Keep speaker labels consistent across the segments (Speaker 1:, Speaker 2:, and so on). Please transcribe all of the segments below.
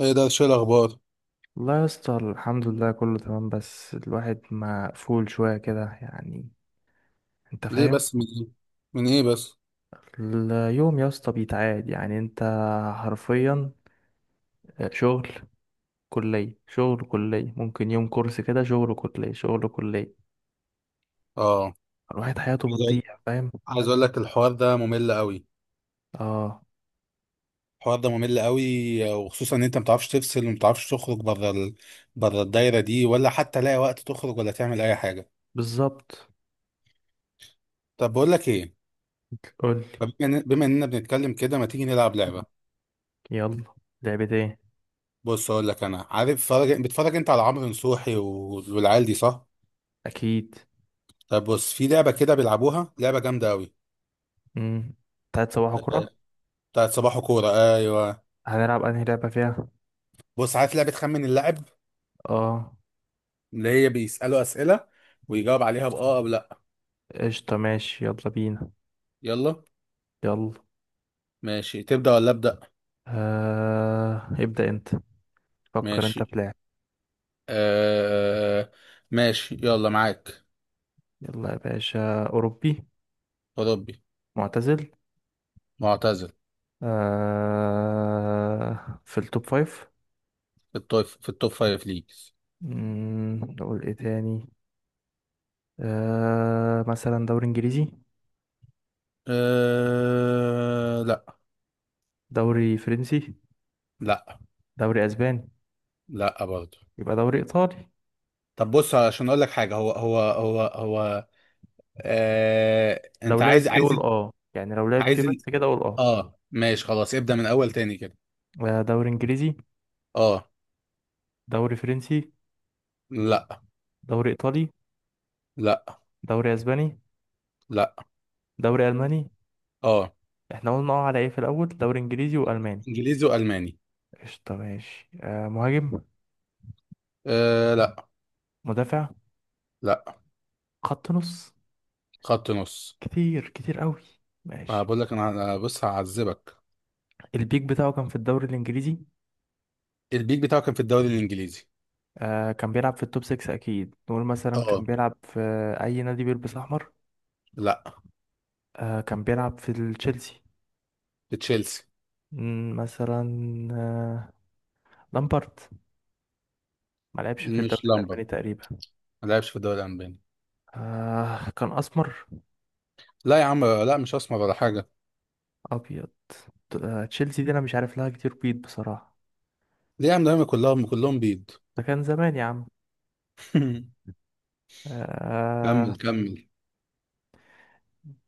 Speaker 1: ايه ده؟ شو الاخبار؟
Speaker 2: والله يا اسطى، الحمد لله كله تمام. بس الواحد مقفول شوية كده يعني. انت
Speaker 1: ليه
Speaker 2: فاهم؟
Speaker 1: بس من ايه؟ من ايه بس؟
Speaker 2: اليوم يا اسطى بيتعاد يعني انت حرفيا. شغل كلية شغل كلية، ممكن يوم كورس كده شغل كلية شغل كلية.
Speaker 1: اه.
Speaker 2: الواحد حياته
Speaker 1: عايز اقول
Speaker 2: بتضيع، فاهم؟
Speaker 1: عايز اقول لك الحوار ده ممل قوي.
Speaker 2: اه،
Speaker 1: الحوار ده ممل قوي، وخصوصا ان انت ما بتعرفش تفصل وما بتعرفش تخرج بره بره الدايره دي، ولا حتى لاقي وقت تخرج ولا تعمل اي حاجه.
Speaker 2: بالظبط.
Speaker 1: طب بقول لك ايه؟
Speaker 2: قولي.
Speaker 1: بما اننا بنتكلم كده، ما تيجي نلعب لعبه؟
Speaker 2: يلا. لعبة ايه؟
Speaker 1: بص اقول لك، انا عارف بتفرج انت على عمرو نصوحي والعيال دي، صح؟
Speaker 2: اكيد.
Speaker 1: طب بص، في لعبه كده بيلعبوها، لعبه جامده قوي.
Speaker 2: امم تعاد صباح
Speaker 1: آه،
Speaker 2: كرة.
Speaker 1: بتاعت صباحو كوره. ايوه.
Speaker 2: هنلعب انهي لعبة فيها؟
Speaker 1: بص، عارف لعبه خمن اللاعب؟
Speaker 2: اه
Speaker 1: اللي هي بيسألوا أسئلة ويجاوب عليها بآه أو لأ.
Speaker 2: قشطة ماشي يلا بينا.
Speaker 1: يلا.
Speaker 2: يلا.
Speaker 1: ماشي، تبدأ ولا أبدأ؟
Speaker 2: ابدأ انت. فكر انت في
Speaker 1: ماشي،
Speaker 2: لاعب.
Speaker 1: آه... ماشي يلا معاك.
Speaker 2: يلا يا باشا. اوروبي.
Speaker 1: أوروبي.
Speaker 2: معتزل.
Speaker 1: معتزل.
Speaker 2: آه في التوب فايف.
Speaker 1: في التوب فايف ليجز.
Speaker 2: نقول ايه تاني. آه مثلا دوري انجليزي؟
Speaker 1: لأ.
Speaker 2: دوري فرنسي؟
Speaker 1: لأ.
Speaker 2: دوري اسباني؟
Speaker 1: لأ برضه.
Speaker 2: يبقى دوري ايطالي.
Speaker 1: طب بص، عشان أقول لك حاجة، هو.
Speaker 2: لو
Speaker 1: أنت
Speaker 2: لعب
Speaker 1: عايز
Speaker 2: فيه
Speaker 1: عايز
Speaker 2: قول اه، يعني لو لعب فيه
Speaker 1: عايز ال...
Speaker 2: بس كده قول اه.
Speaker 1: آه ماشي، خلاص ابدأ من أول تاني كده.
Speaker 2: آه، دوري انجليزي.
Speaker 1: آه.
Speaker 2: دوري فرنسي؟
Speaker 1: لأ.
Speaker 2: دوري ايطالي؟
Speaker 1: لأ.
Speaker 2: دوري اسباني؟
Speaker 1: لأ
Speaker 2: دوري الماني؟
Speaker 1: آه.
Speaker 2: احنا قلنا اه على ايه في الاول؟ دوري انجليزي والماني.
Speaker 1: إنجليزي وألماني.
Speaker 2: قشطة ماشي. آه مهاجم؟
Speaker 1: آه. لأ.
Speaker 2: مدافع؟
Speaker 1: لا.
Speaker 2: خط نص.
Speaker 1: خط نص.
Speaker 2: كتير كتير قوي.
Speaker 1: آه،
Speaker 2: ماشي.
Speaker 1: بقول لك أنا بص هعذبك.
Speaker 2: البيك بتاعه كان في الدوري الانجليزي.
Speaker 1: البيك بتاعه كان في الدوري الانجليزي.
Speaker 2: آه كان بيلعب في التوب 6 اكيد. نقول مثلا كان
Speaker 1: اه.
Speaker 2: بيلعب في اي نادي بيلبس احمر؟
Speaker 1: لا.
Speaker 2: آه كان بيلعب في التشيلسي.
Speaker 1: في تشيلسي.
Speaker 2: مم، مثلا. آه لامبارد. ما لعبش في
Speaker 1: مش
Speaker 2: الدوري
Speaker 1: لامبرد.
Speaker 2: الالماني تقريبا.
Speaker 1: ما لعبش في الدوري الالماني.
Speaker 2: آه كان اسمر؟
Speaker 1: لا يا عم، لا، مش اسمر ولا حاجه.
Speaker 2: ابيض. تشيلسي دي انا مش عارف لها كتير، بيض بصراحة.
Speaker 1: ليه يا عم؟ دايما كلهم كلهم بيض.
Speaker 2: ده كان زمان يا عم. آه.
Speaker 1: كمل كمل.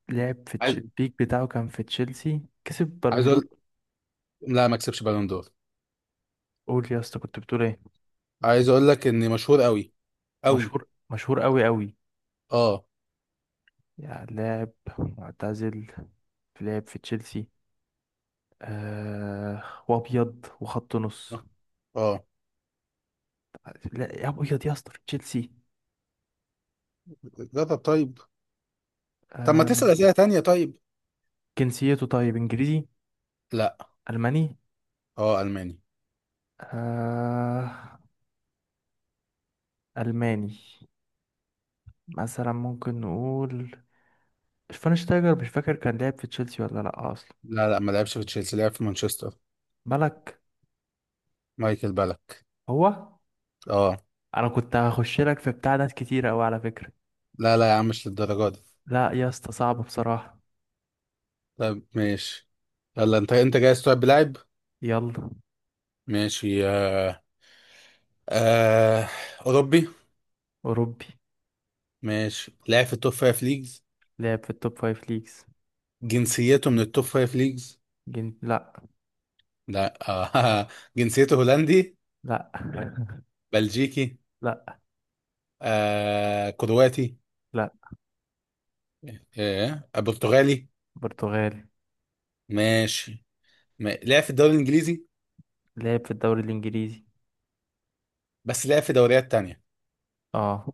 Speaker 2: لعب في
Speaker 1: عايز
Speaker 2: البيك بتاعه كان في تشيلسي، كسب
Speaker 1: عايز
Speaker 2: بالون دور.
Speaker 1: اقول، لا ما كسبش بالون دور.
Speaker 2: قول يا اسطى كنت بتقول ايه.
Speaker 1: عايز اقول لك اني مشهور قوي قوي.
Speaker 2: مشهور مشهور قوي قوي.
Speaker 1: اه.
Speaker 2: يعني لاعب معتزل في لعب في تشيلسي. آه. وابيض وخط نص.
Speaker 1: اه.
Speaker 2: لا يا، ابيض يا اسطى في تشيلسي.
Speaker 1: جرب طيب. طب ما
Speaker 2: آه.
Speaker 1: تسال اسئله تانية طيب؟
Speaker 2: جنسيته طيب انجليزي؟
Speaker 1: لا.
Speaker 2: الماني؟
Speaker 1: اه، الماني.
Speaker 2: آه الماني. مثلا ممكن نقول شفاينشتايجر. مش فاكر كان لعب في تشيلسي ولا لا اصلا.
Speaker 1: لا لا، ما لعبش في تشيلسي، لعب في مانشستر.
Speaker 2: بالك.
Speaker 1: مايكل بالك.
Speaker 2: هو.
Speaker 1: اه.
Speaker 2: انا كنت هخش لك في بتاع ناس كتير قوي على فكرة.
Speaker 1: لا لا يا عم، مش للدرجة دي.
Speaker 2: لا يا اسطى صعب بصراحة.
Speaker 1: طيب ماشي، يلا انت جاهز تلعب بلاعب؟
Speaker 2: يلا.
Speaker 1: ماشي. آه. اوروبي.
Speaker 2: اوروبي.
Speaker 1: ماشي، لاعب في التوب فايف ليجز.
Speaker 2: لعب في التوب فايف ليجز.
Speaker 1: جنسيته من التوب فايف ليجز؟
Speaker 2: لا.
Speaker 1: لا. جنسيته هولندي.
Speaker 2: لا.
Speaker 1: بلجيكي.
Speaker 2: لا. لا.
Speaker 1: كرواتي.
Speaker 2: لا.
Speaker 1: برتغالي.
Speaker 2: برتغالي.
Speaker 1: ماشي، لعب في الدوري الانجليزي،
Speaker 2: لعب في الدوري الإنجليزي.
Speaker 1: بس لعب في دوريات تانية.
Speaker 2: اه.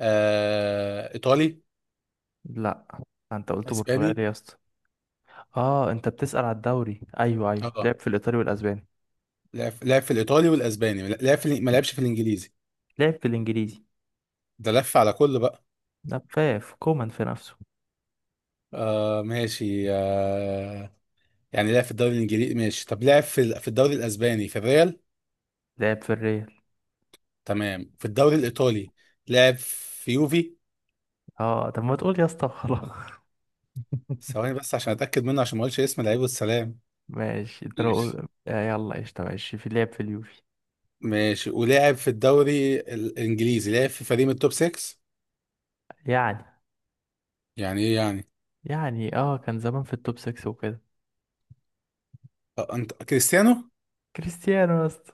Speaker 1: ايطالي.
Speaker 2: لا. آه، انت قلت برتغالي
Speaker 1: اسباني.
Speaker 2: يا اسطى. اه، انت بتسأل على الدوري؟ ايوه ايوه
Speaker 1: اه،
Speaker 2: لعب في الإيطالي والأسباني.
Speaker 1: لعب في الايطالي والاسباني. لعب في ما لعبش في الانجليزي.
Speaker 2: لعب في الإنجليزي.
Speaker 1: ده لف على كل بقى.
Speaker 2: نفاف كومان في نفسه.
Speaker 1: ماشي، يعني لعب في الدوري الانجليزي، ماشي. طب لعب في الدوري الاسباني، في الريال.
Speaker 2: لعب في الريال.
Speaker 1: تمام، في الدوري الايطالي لعب في يوفي.
Speaker 2: اه طب ما تقول يا اسطى خلاص.
Speaker 1: ثواني بس، عشان اتاكد منه، عشان ما اقولش اسم لعيب والسلام.
Speaker 2: ماشي. انت لو
Speaker 1: ماشي.
Speaker 2: يلا قشطة ماشي في لعب في اليوفي.
Speaker 1: ماشي، ولعب في الدوري الانجليزي لعب في فريق من التوب 6.
Speaker 2: يعني
Speaker 1: يعني ايه يعني؟
Speaker 2: يعني اه كان زمان في التوب 6 وكده.
Speaker 1: انت كريستيانو؟
Speaker 2: كريستيانو يا اسطى.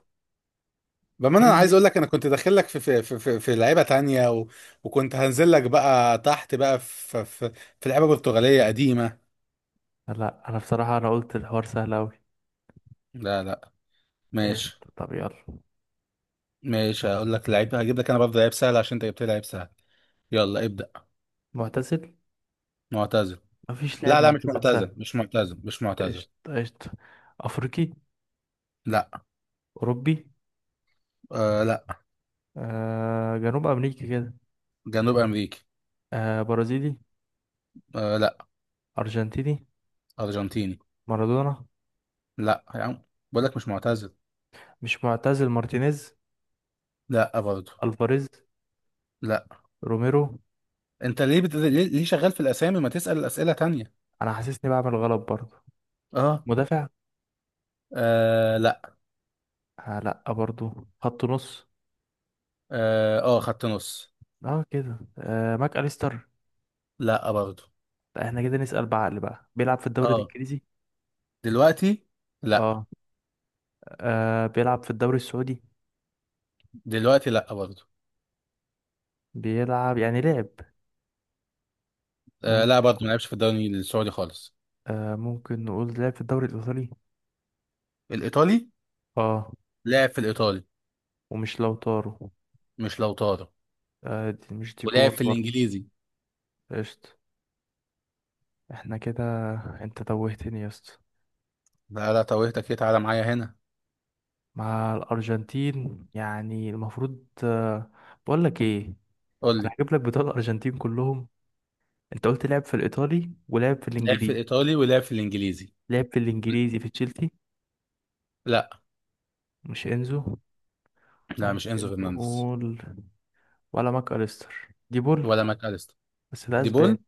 Speaker 1: بما انا
Speaker 2: هي.
Speaker 1: عايز اقول لك، انا كنت داخل لك في, لعيبه تانية، وكنت هنزل لك بقى تحت بقى في لعيبه برتغاليه قديمه.
Speaker 2: لا انا بصراحة انا قلت الحوار سهل اوي.
Speaker 1: لا لا،
Speaker 2: قشطة
Speaker 1: ماشي.
Speaker 2: طب يلا.
Speaker 1: ماشي، هقول لك لعيب، هجيب لك انا برضه لعيب سهل عشان انت جبت لي لعيب سهل. يلا ابدأ.
Speaker 2: معتزل.
Speaker 1: معتزل.
Speaker 2: مفيش لاعب
Speaker 1: لا لا، مش
Speaker 2: معتزل سهل.
Speaker 1: معتزل مش معتزل مش معتزل.
Speaker 2: قشطة قشطة. افريقي.
Speaker 1: لا.
Speaker 2: اوروبي.
Speaker 1: آه لا.
Speaker 2: آه جنوب امريكي كده.
Speaker 1: جنوب امريكي.
Speaker 2: آه برازيلي.
Speaker 1: آه لا.
Speaker 2: ارجنتيني.
Speaker 1: ارجنتيني.
Speaker 2: مارادونا.
Speaker 1: لا يا عم، بقول لك مش معتزل.
Speaker 2: مش معتزل مارتينيز.
Speaker 1: لا برضه.
Speaker 2: الفاريز.
Speaker 1: لا.
Speaker 2: روميرو.
Speaker 1: انت ليه بت... ليه ليه شغال في الاسامي؟ ما تسأل اسئلة تانية.
Speaker 2: انا حاسسني بعمل غلط برضه.
Speaker 1: اه.
Speaker 2: مدافع.
Speaker 1: آه لا.
Speaker 2: آه لا برضه. خط نص.
Speaker 1: اه، خط نص.
Speaker 2: اه كده آه ماك اليستر.
Speaker 1: لا برضه.
Speaker 2: لا، احنا كده نسأل بعقل بقى. بيلعب في الدوري
Speaker 1: اه.
Speaker 2: الانجليزي.
Speaker 1: دلوقتي. لا.
Speaker 2: اه. آه بيلعب في الدوري السعودي.
Speaker 1: دلوقتي لا برضه.
Speaker 2: بيلعب، يعني لعب. ممكن.
Speaker 1: لا برضه، ما لعبش في الدوري السعودي خالص.
Speaker 2: آه ممكن نقول لعب في الدوري الإيطالي.
Speaker 1: الايطالي.
Speaker 2: اه.
Speaker 1: لعب في الايطالي.
Speaker 2: ومش لو طارو.
Speaker 1: مش لو طارق.
Speaker 2: آه دي مش
Speaker 1: ولعب
Speaker 2: ديبول
Speaker 1: في
Speaker 2: برضه.
Speaker 1: الانجليزي.
Speaker 2: قشطة. احنا كده. انت توهتني يا اسطى.
Speaker 1: لا لا، توهتك ايه؟ تعالى معايا هنا.
Speaker 2: مع الأرجنتين يعني المفروض. آه بقول لك ايه.
Speaker 1: قول
Speaker 2: انا
Speaker 1: لي.
Speaker 2: هجيب لك بطاقة الأرجنتين كلهم. انت قلت لعب في الإيطالي ولعب في
Speaker 1: لعب في
Speaker 2: الإنجليزي.
Speaker 1: الايطالي ولعب في الانجليزي.
Speaker 2: لعب في الإنجليزي في تشيلسي.
Speaker 1: لا
Speaker 2: مش إنزو.
Speaker 1: لا، مش انزو
Speaker 2: ممكن
Speaker 1: فرنانديز.
Speaker 2: نقول ولا ماكاليستر ديبول.
Speaker 1: ولا ماكاليستر.
Speaker 2: بس ده
Speaker 1: دي بول.
Speaker 2: أسباني.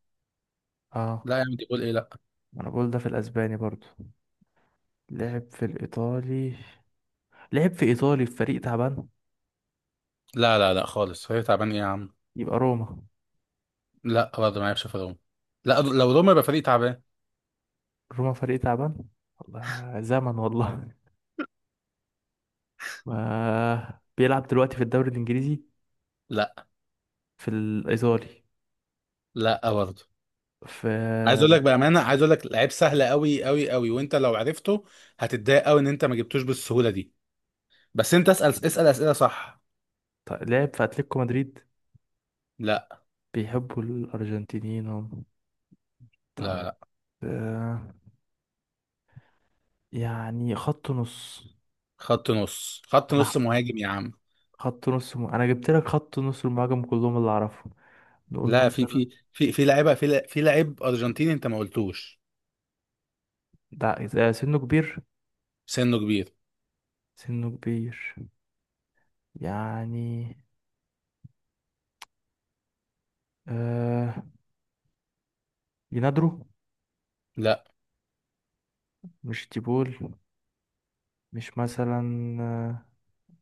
Speaker 2: اه
Speaker 1: لا يا عم، دي بول ايه؟ لا.
Speaker 2: ما انا بقول ده في الاسباني برضو. لعب في الايطالي. لعب في ايطالي في فريق تعبان.
Speaker 1: لا لا لا خالص، هي تعبان ايه يا عم؟
Speaker 2: يبقى روما.
Speaker 1: لا برضه، ما يعرفش في روما. لا، لو روما يبقى فريق تعبان.
Speaker 2: روما فريق تعبان. والله زمن والله. ما بيلعب دلوقتي في الدوري الانجليزي.
Speaker 1: لا.
Speaker 2: في الايطالي.
Speaker 1: لا برضه. عايز اقول
Speaker 2: في.
Speaker 1: لك بامانه، عايز اقول لك لعيب سهل قوي قوي قوي، وانت لو عرفته هتتضايق قوي ان انت ما جبتوش بالسهوله دي. بس انت اسال اسئله صح.
Speaker 2: طيب لعب في اتلتيكو مدريد.
Speaker 1: لا.
Speaker 2: بيحبوا الارجنتينيين هم. طيب.
Speaker 1: لا،
Speaker 2: آه. يعني خط نص.
Speaker 1: خط نص، خط
Speaker 2: انا.
Speaker 1: نص، مهاجم يا عم.
Speaker 2: انا جبت لك خط نص المهاجم كلهم اللي اعرفهم. نقول
Speaker 1: لا، في
Speaker 2: مثلا.
Speaker 1: في في في لعيبه، في لعيب ارجنتيني انت ما قلتوش.
Speaker 2: ده إذا سنه كبير.
Speaker 1: سنه كبير.
Speaker 2: سنه كبير. يعني. آه لينادرو.
Speaker 1: لا.
Speaker 2: مش تيبول. مش مثلا. آه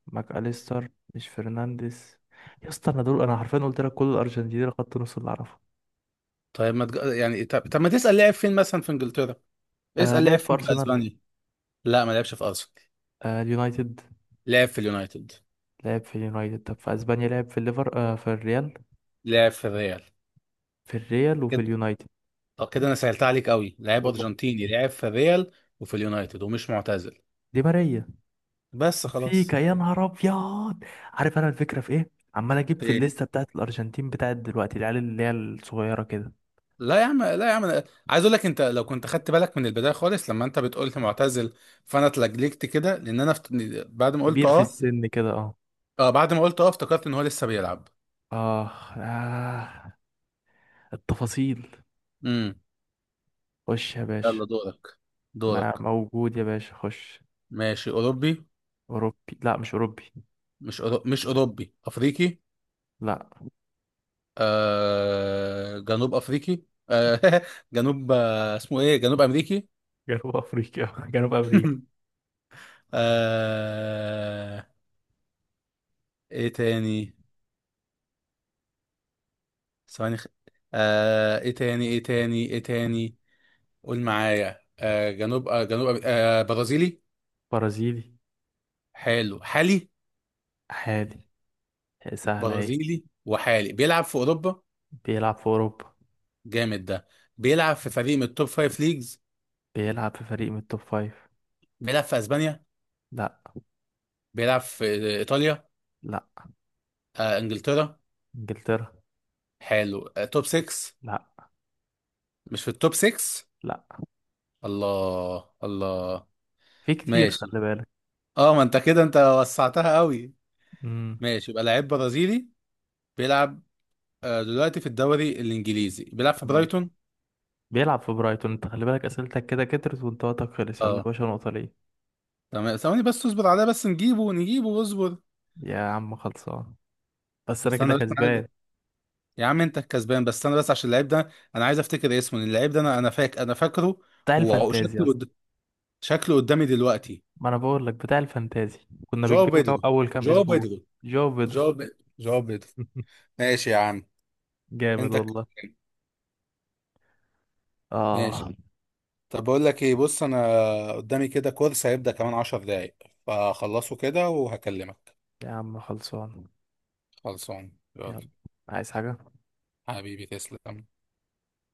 Speaker 2: ماك أليستر. مش فرنانديز. يا اسطى انا دول انا حرفيا قلت لك كل الارجنتين خط نص اللي اعرفه.
Speaker 1: طيب ما تج... يعني، طب ما تسال لعب فين مثلا في انجلترا؟
Speaker 2: آه
Speaker 1: اسال
Speaker 2: لعب
Speaker 1: لعب
Speaker 2: في
Speaker 1: فين في
Speaker 2: ارسنال.
Speaker 1: اسبانيا. لا، ما لعبش في ارسنال.
Speaker 2: آه اليونايتد.
Speaker 1: لعب في اليونايتد.
Speaker 2: لعب في اليونايتد. طب في اسبانيا لعب في الليفر، آه في الريال.
Speaker 1: لعب في الريال.
Speaker 2: في الريال وفي
Speaker 1: كده.
Speaker 2: اليونايتد.
Speaker 1: طب كده انا سهلت عليك قوي، لعيب
Speaker 2: والله.
Speaker 1: ارجنتيني لعب في الريال وفي اليونايتد ومش معتزل.
Speaker 2: دي ماريا.
Speaker 1: بس
Speaker 2: فيكا
Speaker 1: خلاص.
Speaker 2: يا نهار ابيض. عارف انا الفكره في ايه. عمال اجيب في
Speaker 1: ايه.
Speaker 2: الليسته بتاعت الارجنتين بتاعت دلوقتي، العيال اللي هي الصغيره كده.
Speaker 1: لا يا عم، لا يا عم، أنا عايز اقول لك، انت لو كنت خدت بالك من البدايه خالص لما انت بتقول لي معتزل، فانا اتلجلجت كده لان انا. بعد ما قلت
Speaker 2: كبير في
Speaker 1: اه.
Speaker 2: السن كده اه.
Speaker 1: اه، بعد ما قلت اه افتكرت ان هو لسه بيلعب.
Speaker 2: آه, آه. التفاصيل.
Speaker 1: امم.
Speaker 2: خش يا باشا.
Speaker 1: يلا دورك،
Speaker 2: ما
Speaker 1: دورك.
Speaker 2: موجود يا باشا، خش.
Speaker 1: ماشي، اوروبي.
Speaker 2: أوروبي. لا مش أوروبي.
Speaker 1: مش اوروبي، افريقي.
Speaker 2: لا.
Speaker 1: جنوب افريقي. آه... جنوب، اسمه ايه، جنوب امريكي؟
Speaker 2: جنوب أفريقيا. جنوب أمريكي.
Speaker 1: آه... ايه تاني؟ ثواني. ايه تاني ايه تاني ايه تاني؟ قول معايا، جنوب، جنوب أمريكي. برازيلي.
Speaker 2: برازيلي.
Speaker 1: حلو، حالي.
Speaker 2: عادي. سهلة أهي.
Speaker 1: برازيلي وحالي، بيلعب في اوروبا.
Speaker 2: بيلعب في أوروبا.
Speaker 1: جامد ده. بيلعب في فريق من التوب فايف ليجز.
Speaker 2: بيلعب في فريق من التوب فايف.
Speaker 1: بيلعب في اسبانيا.
Speaker 2: لا.
Speaker 1: بيلعب في ايطاليا.
Speaker 2: لا.
Speaker 1: انجلترا.
Speaker 2: إنجلترا.
Speaker 1: حلو، توب 6.
Speaker 2: لا.
Speaker 1: مش في التوب 6؟
Speaker 2: لا.
Speaker 1: الله الله.
Speaker 2: في كتير،
Speaker 1: ماشي.
Speaker 2: خلي بالك.
Speaker 1: اه، ما انت كده انت وسعتها قوي.
Speaker 2: امم
Speaker 1: ماشي، يبقى لعيب برازيلي بيلعب دلوقتي في الدوري الانجليزي، بيلعب في
Speaker 2: تمام.
Speaker 1: برايتون.
Speaker 2: بيلعب في برايتون. انت خلي بالك أسئلتك كده كترت وانت وقتك خلص. يلا يا
Speaker 1: اه
Speaker 2: باشا، نقطة ليه.
Speaker 1: تمام. ثواني بس، اصبر عليه بس، نجيبه نجيبه اصبر.
Speaker 2: يا عم خلصان. بس أنا كده
Speaker 1: استنى بس، أنا.
Speaker 2: كسبان.
Speaker 1: يا عم انت الكسبان، بس استنى بس عشان اللعيب ده. انا عايز افتكر اسمه لأن اللعيب ده، انا فاكره.
Speaker 2: بتاع
Speaker 1: وشكله
Speaker 2: الفانتازيا.
Speaker 1: قد- شكله قدامي دلوقتي.
Speaker 2: ما انا بقول لك بتاع الفانتازي. كنا
Speaker 1: جواو
Speaker 2: بنجيبه
Speaker 1: بيدرو.
Speaker 2: اول كام
Speaker 1: جواو
Speaker 2: اسبوع.
Speaker 1: بيدرو.
Speaker 2: جاو بيدرو.
Speaker 1: جواو بيدرو جواو بيدرو. ماشي يا عم.
Speaker 2: جامد
Speaker 1: انت.
Speaker 2: والله.
Speaker 1: ماشي.
Speaker 2: اه.
Speaker 1: طب بقول لك ايه؟ بص انا قدامي كده، كورس هيبدأ كمان 10 دقايق، فخلصه كده وهكلمك.
Speaker 2: يا عم خلصان.
Speaker 1: خلصان يلا.
Speaker 2: يلا. عايز حاجة؟
Speaker 1: حبيبي تسلم.